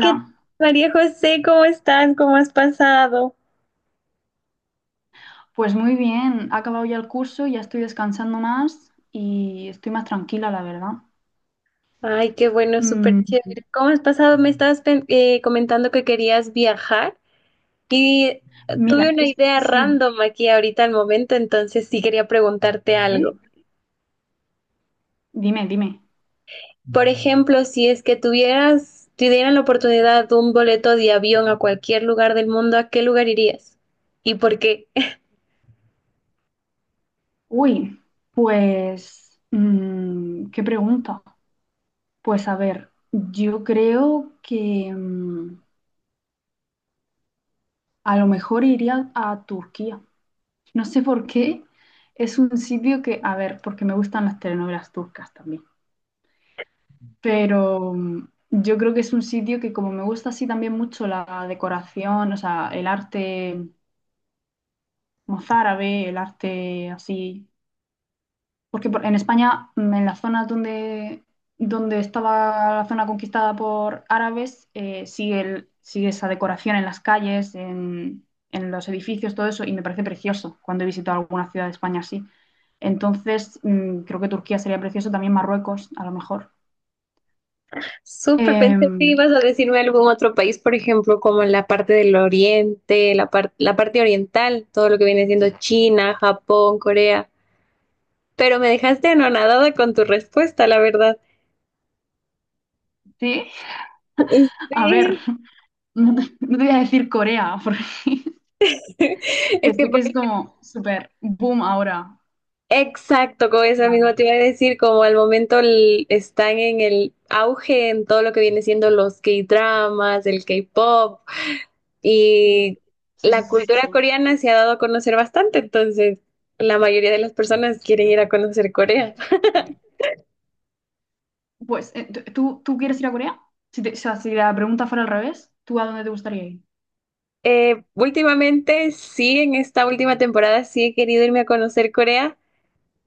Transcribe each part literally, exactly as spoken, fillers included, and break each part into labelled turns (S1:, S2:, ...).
S1: ¿Qué María José? ¿Cómo estás? ¿Cómo has pasado?
S2: pues muy bien, ha acabado ya el curso, ya estoy descansando más y estoy más tranquila, la verdad.
S1: Ay, qué bueno, súper
S2: Mm,
S1: chévere. ¿Cómo has pasado? Me estabas pen- eh, comentando que querías viajar y eh, tuve
S2: mira,
S1: una
S2: es-
S1: idea
S2: sí,
S1: random aquí ahorita al momento, entonces sí quería preguntarte algo.
S2: ¿sí? Dime, dime.
S1: Por ejemplo, si es que tuvieras, te dieran la oportunidad de un boleto de avión a cualquier lugar del mundo, ¿a qué lugar irías? ¿Y por qué?
S2: Uy, pues, mm, ¿qué pregunta? Pues a ver, yo creo que mm, a lo mejor iría a Turquía. No sé por qué, es un sitio que, a ver, porque me gustan las telenovelas turcas también. Pero mm, yo creo que es un sitio que como me gusta así también mucho la decoración, o sea, el arte mozárabe, el arte así, porque por- en España, mm, en las zonas donde, donde estaba la zona conquistada por árabes, eh, sigue, el- sigue esa decoración en las calles, en, en los edificios, todo eso, y me parece precioso cuando he visitado alguna ciudad de España así. Entonces, mm, creo que Turquía sería precioso, también Marruecos, a lo mejor.
S1: Súper, pensé que
S2: Em,
S1: ibas a decirme algún otro país, por ejemplo, como en la parte del oriente, la par- la parte oriental, todo lo que viene siendo China, Japón, Corea, pero me dejaste anonadada con tu respuesta, la verdad.
S2: sí,
S1: Y
S2: a ver.
S1: sí.
S2: No te, no te voy a decir Corea, porque
S1: es que
S2: sé que
S1: por-
S2: es como súper boom ahora.
S1: exacto, con esa
S2: Claro.
S1: misma te iba a decir, como al momento el- están en el auge en todo lo que viene siendo los K-dramas, el K-pop,
S2: Sí.
S1: y
S2: Sí, sí,
S1: la
S2: sí,
S1: cultura
S2: sí,
S1: coreana se ha dado a conocer bastante, entonces la mayoría de las personas quieren ir a conocer Corea.
S2: sí. Pues, eh, t- ¿tú, tú quieres ir a Corea? Si te- o sea, si la pregunta fuera al revés, ¿tú a dónde te gustaría ir?
S1: Eh, últimamente, sí, en esta última temporada sí he querido irme a conocer Corea,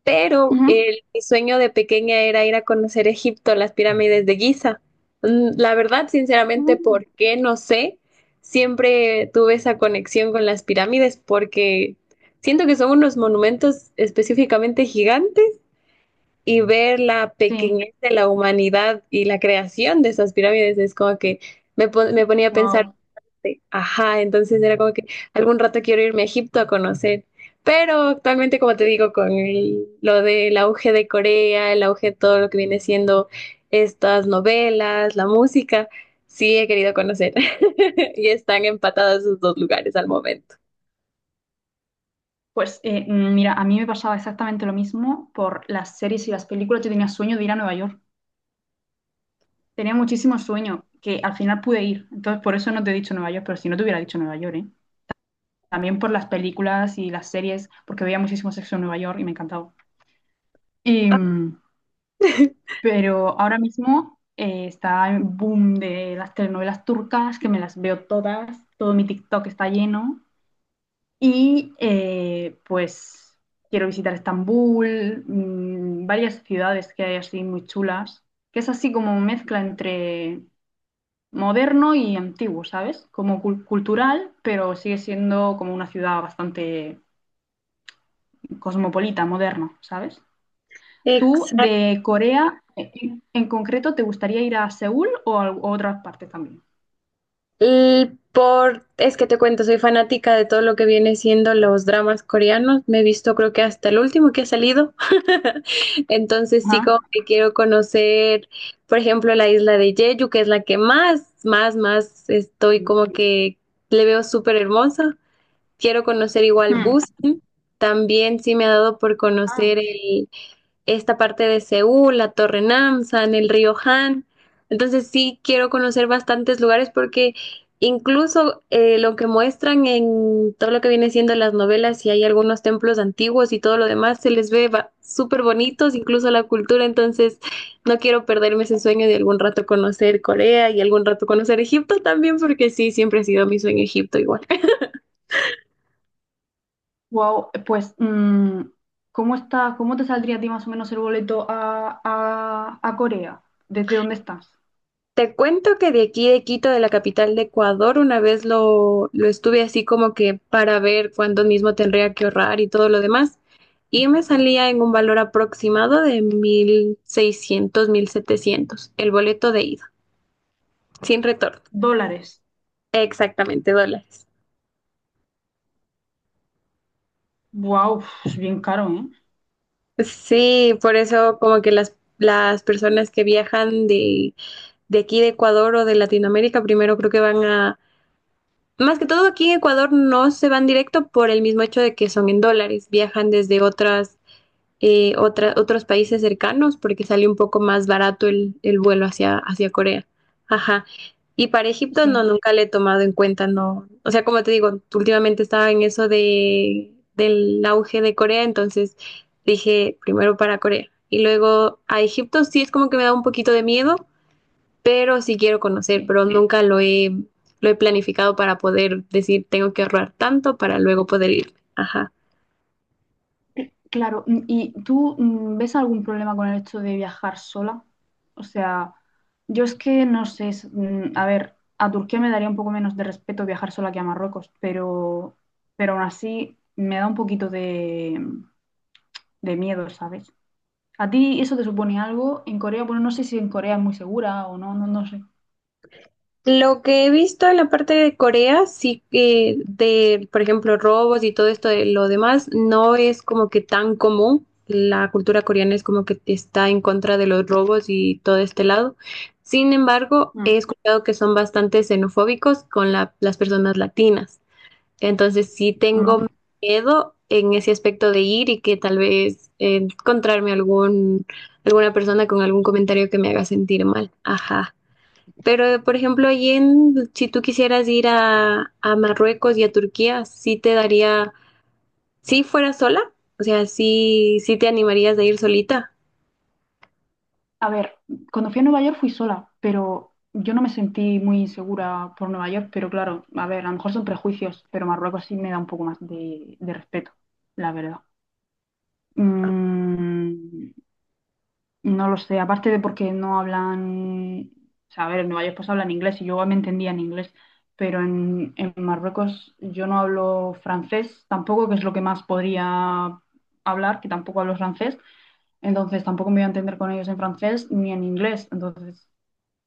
S1: pero
S2: Ujú.
S1: el, mi sueño de pequeña era ir a conocer Egipto, las pirámides de Giza. Mm, La verdad, sinceramente,
S2: Mm.
S1: ¿por qué? No sé. Siempre tuve esa conexión con las pirámides porque siento que son unos monumentos específicamente gigantes y ver la
S2: Sí,
S1: pequeñez de la humanidad y la creación de esas pirámides es como que me, pon- me ponía a pensar,
S2: wow.
S1: de, ajá, entonces era como que algún rato quiero irme a Egipto a conocer. Pero actualmente, como te digo, con el- lo del auge de Corea, el auge de todo lo que viene siendo estas novelas, la música, sí he querido conocer. Y están empatadas esos dos lugares al momento.
S2: Pues eh, mm, mira, a mí me pasaba exactamente lo mismo por las series y las películas. Yo tenía sueño de ir a Nueva York. Tenía muchísimo sueño que al final pude ir. Entonces, por eso no te he dicho Nueva York, pero si no te hubiera dicho Nueva York, ¿eh? También por las películas y las series, porque veía muchísimo sexo en Nueva York y me encantaba. Y, mm, pero ahora mismo eh, está el boom de las telenovelas turcas, que me las veo todas, todo mi TikTok está lleno. Y eh, pues quiero visitar Estambul, mm, varias ciudades que hay así muy chulas, que es así como mezcla entre moderno y antiguo, ¿sabes? Como cul- cultural, pero sigue siendo como una ciudad bastante cosmopolita, moderno, ¿sabes? ¿Tú
S1: Exacto.
S2: de Corea en, en concreto te gustaría ir a Seúl o a, o a otras partes también?
S1: L- Por, es que te cuento, soy fanática de todo lo que viene siendo los dramas coreanos. Me he visto creo que hasta el último que ha salido. Entonces sí como
S2: Ajá.
S1: que quiero conocer, por ejemplo, la isla de Jeju, que es la que más, más, más estoy como que le veo súper hermosa. Quiero conocer igual
S2: Hmm.
S1: Busan. También sí me ha dado por conocer
S2: Ah,
S1: el, esta parte de Seúl, la Torre Namsan, el río Han. Entonces sí quiero conocer bastantes lugares porque incluso eh, lo que muestran en todo lo que viene siendo las novelas, y hay algunos templos antiguos y todo lo demás, se les ve ba- súper bonitos, incluso la cultura. Entonces no quiero perderme ese sueño de algún rato conocer Corea y algún rato conocer Egipto también, porque sí, siempre ha sido mi sueño Egipto igual.
S2: wow, pues mm, ¿cómo está, cómo te saldría a ti más o menos el boleto a, a- a Corea? ¿Desde dónde estás?
S1: Te cuento que de aquí de Quito, de la capital de Ecuador, una vez lo, lo estuve así como que para ver cuánto mismo tendría que ahorrar y todo lo demás. Y me salía en un valor aproximado de mil seiscientos mil setecientos el boleto de ida, sin retorno.
S2: Dólares.
S1: Exactamente, dólares.
S2: Wow, es bien caro, ¿eh?
S1: Sí, por eso como que las, las personas que viajan de, de aquí de Ecuador o de Latinoamérica, primero creo que van a más que todo aquí en Ecuador no se van directo por el mismo hecho de que son en dólares, viajan desde otras, eh, otra- otros países cercanos porque sale un poco más barato el, el vuelo hacia, hacia Corea. Ajá. Y para Egipto no,
S2: Sí,
S1: nunca le he tomado en cuenta, no. O sea, como te digo, últimamente estaba en eso de, del auge de Corea, entonces dije primero para Corea. Y luego a Egipto sí es como que me da un poquito de miedo, pero sí quiero conocer,
S2: sí.
S1: pero nunca lo he, lo he planificado para poder decir tengo que ahorrar tanto para luego poder ir. Ajá.
S2: Claro, mm, ¿y tú mm, ves algún problema con el hecho de viajar sola? O sea, yo es que no sé, es- mm, a ver, a Turquía me daría un poco menos de respeto viajar sola que a Marruecos, pero, pero aún así me da un poquito de, de miedo, ¿sabes? ¿A ti eso te supone algo? En Corea, bueno, no sé si en Corea es muy segura o no, no, no sé.
S1: Lo que he visto en la parte de Corea, sí que de, por ejemplo, robos y todo esto de lo demás, no es como que tan común. La cultura coreana es como que está en contra de los robos y todo este lado. Sin embargo,
S2: Mm,
S1: he escuchado que son bastante xenofóbicos con la- las personas latinas. Entonces sí
S2: ¿no?
S1: tengo miedo en ese aspecto de ir y que tal vez eh, encontrarme algún, alguna persona con algún comentario que me haga sentir mal. Ajá. Pero, por ejemplo, allí en, si tú quisieras ir a, a Marruecos y a Turquía, sí te daría, si fuera sola, o sea, sí, sí te animarías a ir solita.
S2: A ver, cuando fui a Nueva York fui sola, pero yo no me sentí muy insegura por Nueva York, pero claro, a ver, a lo mejor son prejuicios, pero Marruecos sí me da un poco más de, de respeto, la verdad. Mm, no lo sé, aparte de porque no hablan, o sea, a ver, en Nueva York pues hablan inglés y yo me entendía en inglés, pero en, en Marruecos yo no hablo francés tampoco, que es lo que más podría hablar, que tampoco hablo francés, entonces tampoco me voy a entender con ellos en francés ni en inglés, entonces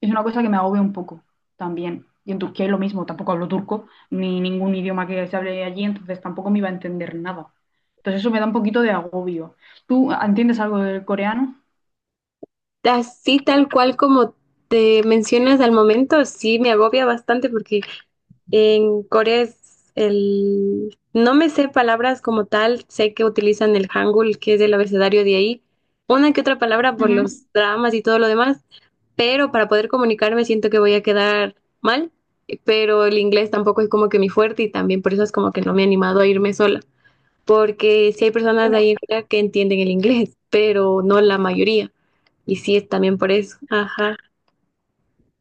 S2: es una cosa que me agobia un poco también. Y en Turquía es lo mismo, tampoco hablo turco, ni ningún idioma que se hable allí, entonces tampoco me iba a entender nada. Entonces eso me da un poquito de agobio. ¿Tú entiendes algo del coreano?
S1: Así tal cual como te mencionas al momento, sí me agobia bastante porque en Corea es el... No me sé palabras como tal, sé que utilizan el Hangul, que es el abecedario de ahí, una que otra palabra por
S2: Ujú.
S1: los dramas y todo lo demás, pero para poder comunicarme siento que voy a quedar mal, pero el inglés tampoco es como que mi fuerte y también por eso es como que no me he animado a irme sola, porque sí hay personas de ahí
S2: Bueno,
S1: en Corea que entienden el inglés, pero no la mayoría, y sí es también por eso, ajá.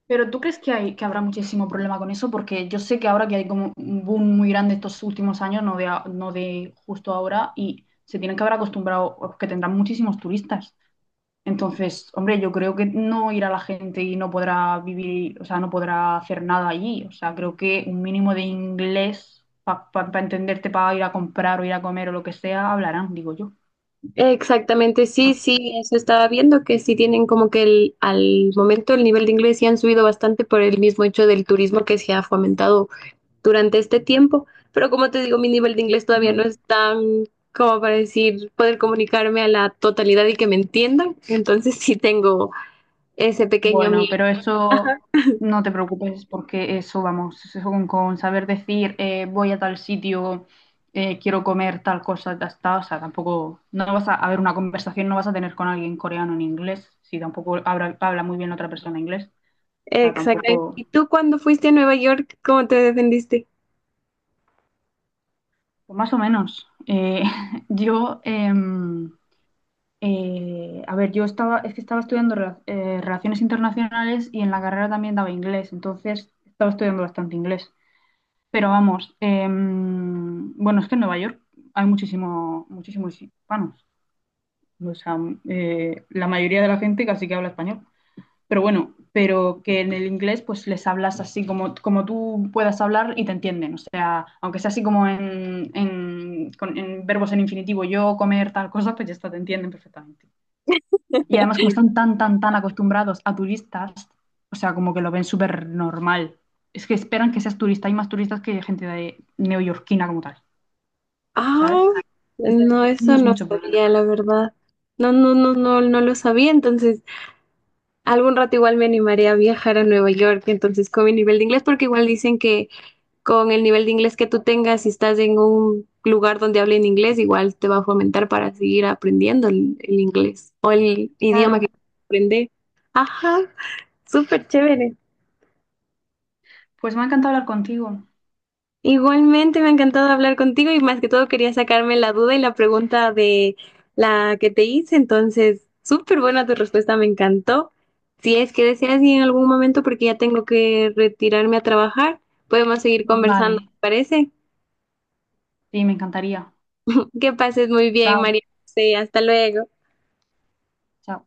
S2: pero ¿tú crees que hay, que habrá muchísimo problema con eso? Porque yo sé que ahora que hay como un boom muy grande estos últimos años, no de, a- no de justo ahora, y se tienen que haber acostumbrado, o que tendrán muchísimos turistas. Entonces, hombre, yo creo que no irá la gente y no podrá vivir, o sea, no podrá hacer nada allí. O sea, creo que un mínimo de inglés para entenderte, para ir a comprar o ir a comer o lo que sea, hablarán, digo yo.
S1: Exactamente,
S2: No lo
S1: sí,
S2: sé.
S1: sí, eso estaba viendo que sí tienen como que el, al momento el nivel de inglés sí han subido bastante por el mismo hecho del turismo que se ha fomentado durante este tiempo, pero como te digo, mi nivel de inglés todavía no es
S2: Ujú.
S1: tan como para decir poder comunicarme a la totalidad y que me entiendan, entonces sí tengo ese pequeño
S2: Bueno,
S1: miedo.
S2: pero eso no te preocupes porque eso, vamos, eso con, con saber decir eh, voy a tal sitio, eh, quiero comer tal cosa, ya está, o sea, tampoco, no vas a, a ver una conversación, no vas a tener con alguien coreano en inglés, si tampoco habla, habla muy bien otra persona inglés. Sea,
S1: Exactamente.
S2: tampoco,
S1: ¿Y tú cuando fuiste a Nueva York, cómo te defendiste?
S2: o más o menos. Eh, yo, em, eh, a ver, yo estaba, es que estaba estudiando rela- eh, relaciones internacionales y en la carrera también daba inglés, entonces estaba estudiando bastante inglés. Pero vamos, em, bueno, es que en Nueva York hay muchísimo, muchísimos hispanos. O sea, eh, la mayoría de la gente casi que habla español. Pero bueno, pero que en el inglés pues les hablas así como, como tú puedas hablar y te entienden. O sea, aunque sea así como en, en, con- en verbos en infinitivo, yo comer tal cosa, pues ya está, te entienden perfectamente. Y además como están tan, tan, tan acostumbrados a turistas, o sea, como que lo ven súper normal. Es que esperan que seas turista. Hay más turistas que gente de neoyorquina como tal,
S1: Ah,
S2: ¿sabes? Entonces,
S1: no,
S2: no
S1: eso
S2: es
S1: no
S2: mucho problema.
S1: sabía, la verdad. No, no, no, no, no lo sabía, entonces. Algún rato igual me animaré a viajar a Nueva York, entonces con mi nivel de inglés, porque igual dicen que con el nivel de inglés que tú tengas, si estás en un lugar donde hablen inglés, igual te va a fomentar para seguir aprendiendo el, el inglés o el idioma que
S2: Claro.
S1: quieras aprender. Ajá, súper chévere.
S2: Pues me ha encantado hablar contigo.
S1: Igualmente, me ha encantado hablar contigo y más que todo quería sacarme la duda y la pregunta de la que te hice. Entonces, súper buena tu respuesta, me encantó. Si es que deseas y en algún momento, porque ya tengo que retirarme a trabajar, podemos seguir conversando,
S2: Vale.
S1: ¿te parece?
S2: Sí, me encantaría.
S1: Que pases muy bien,
S2: Chao.
S1: María José. Hasta luego.
S2: Chao.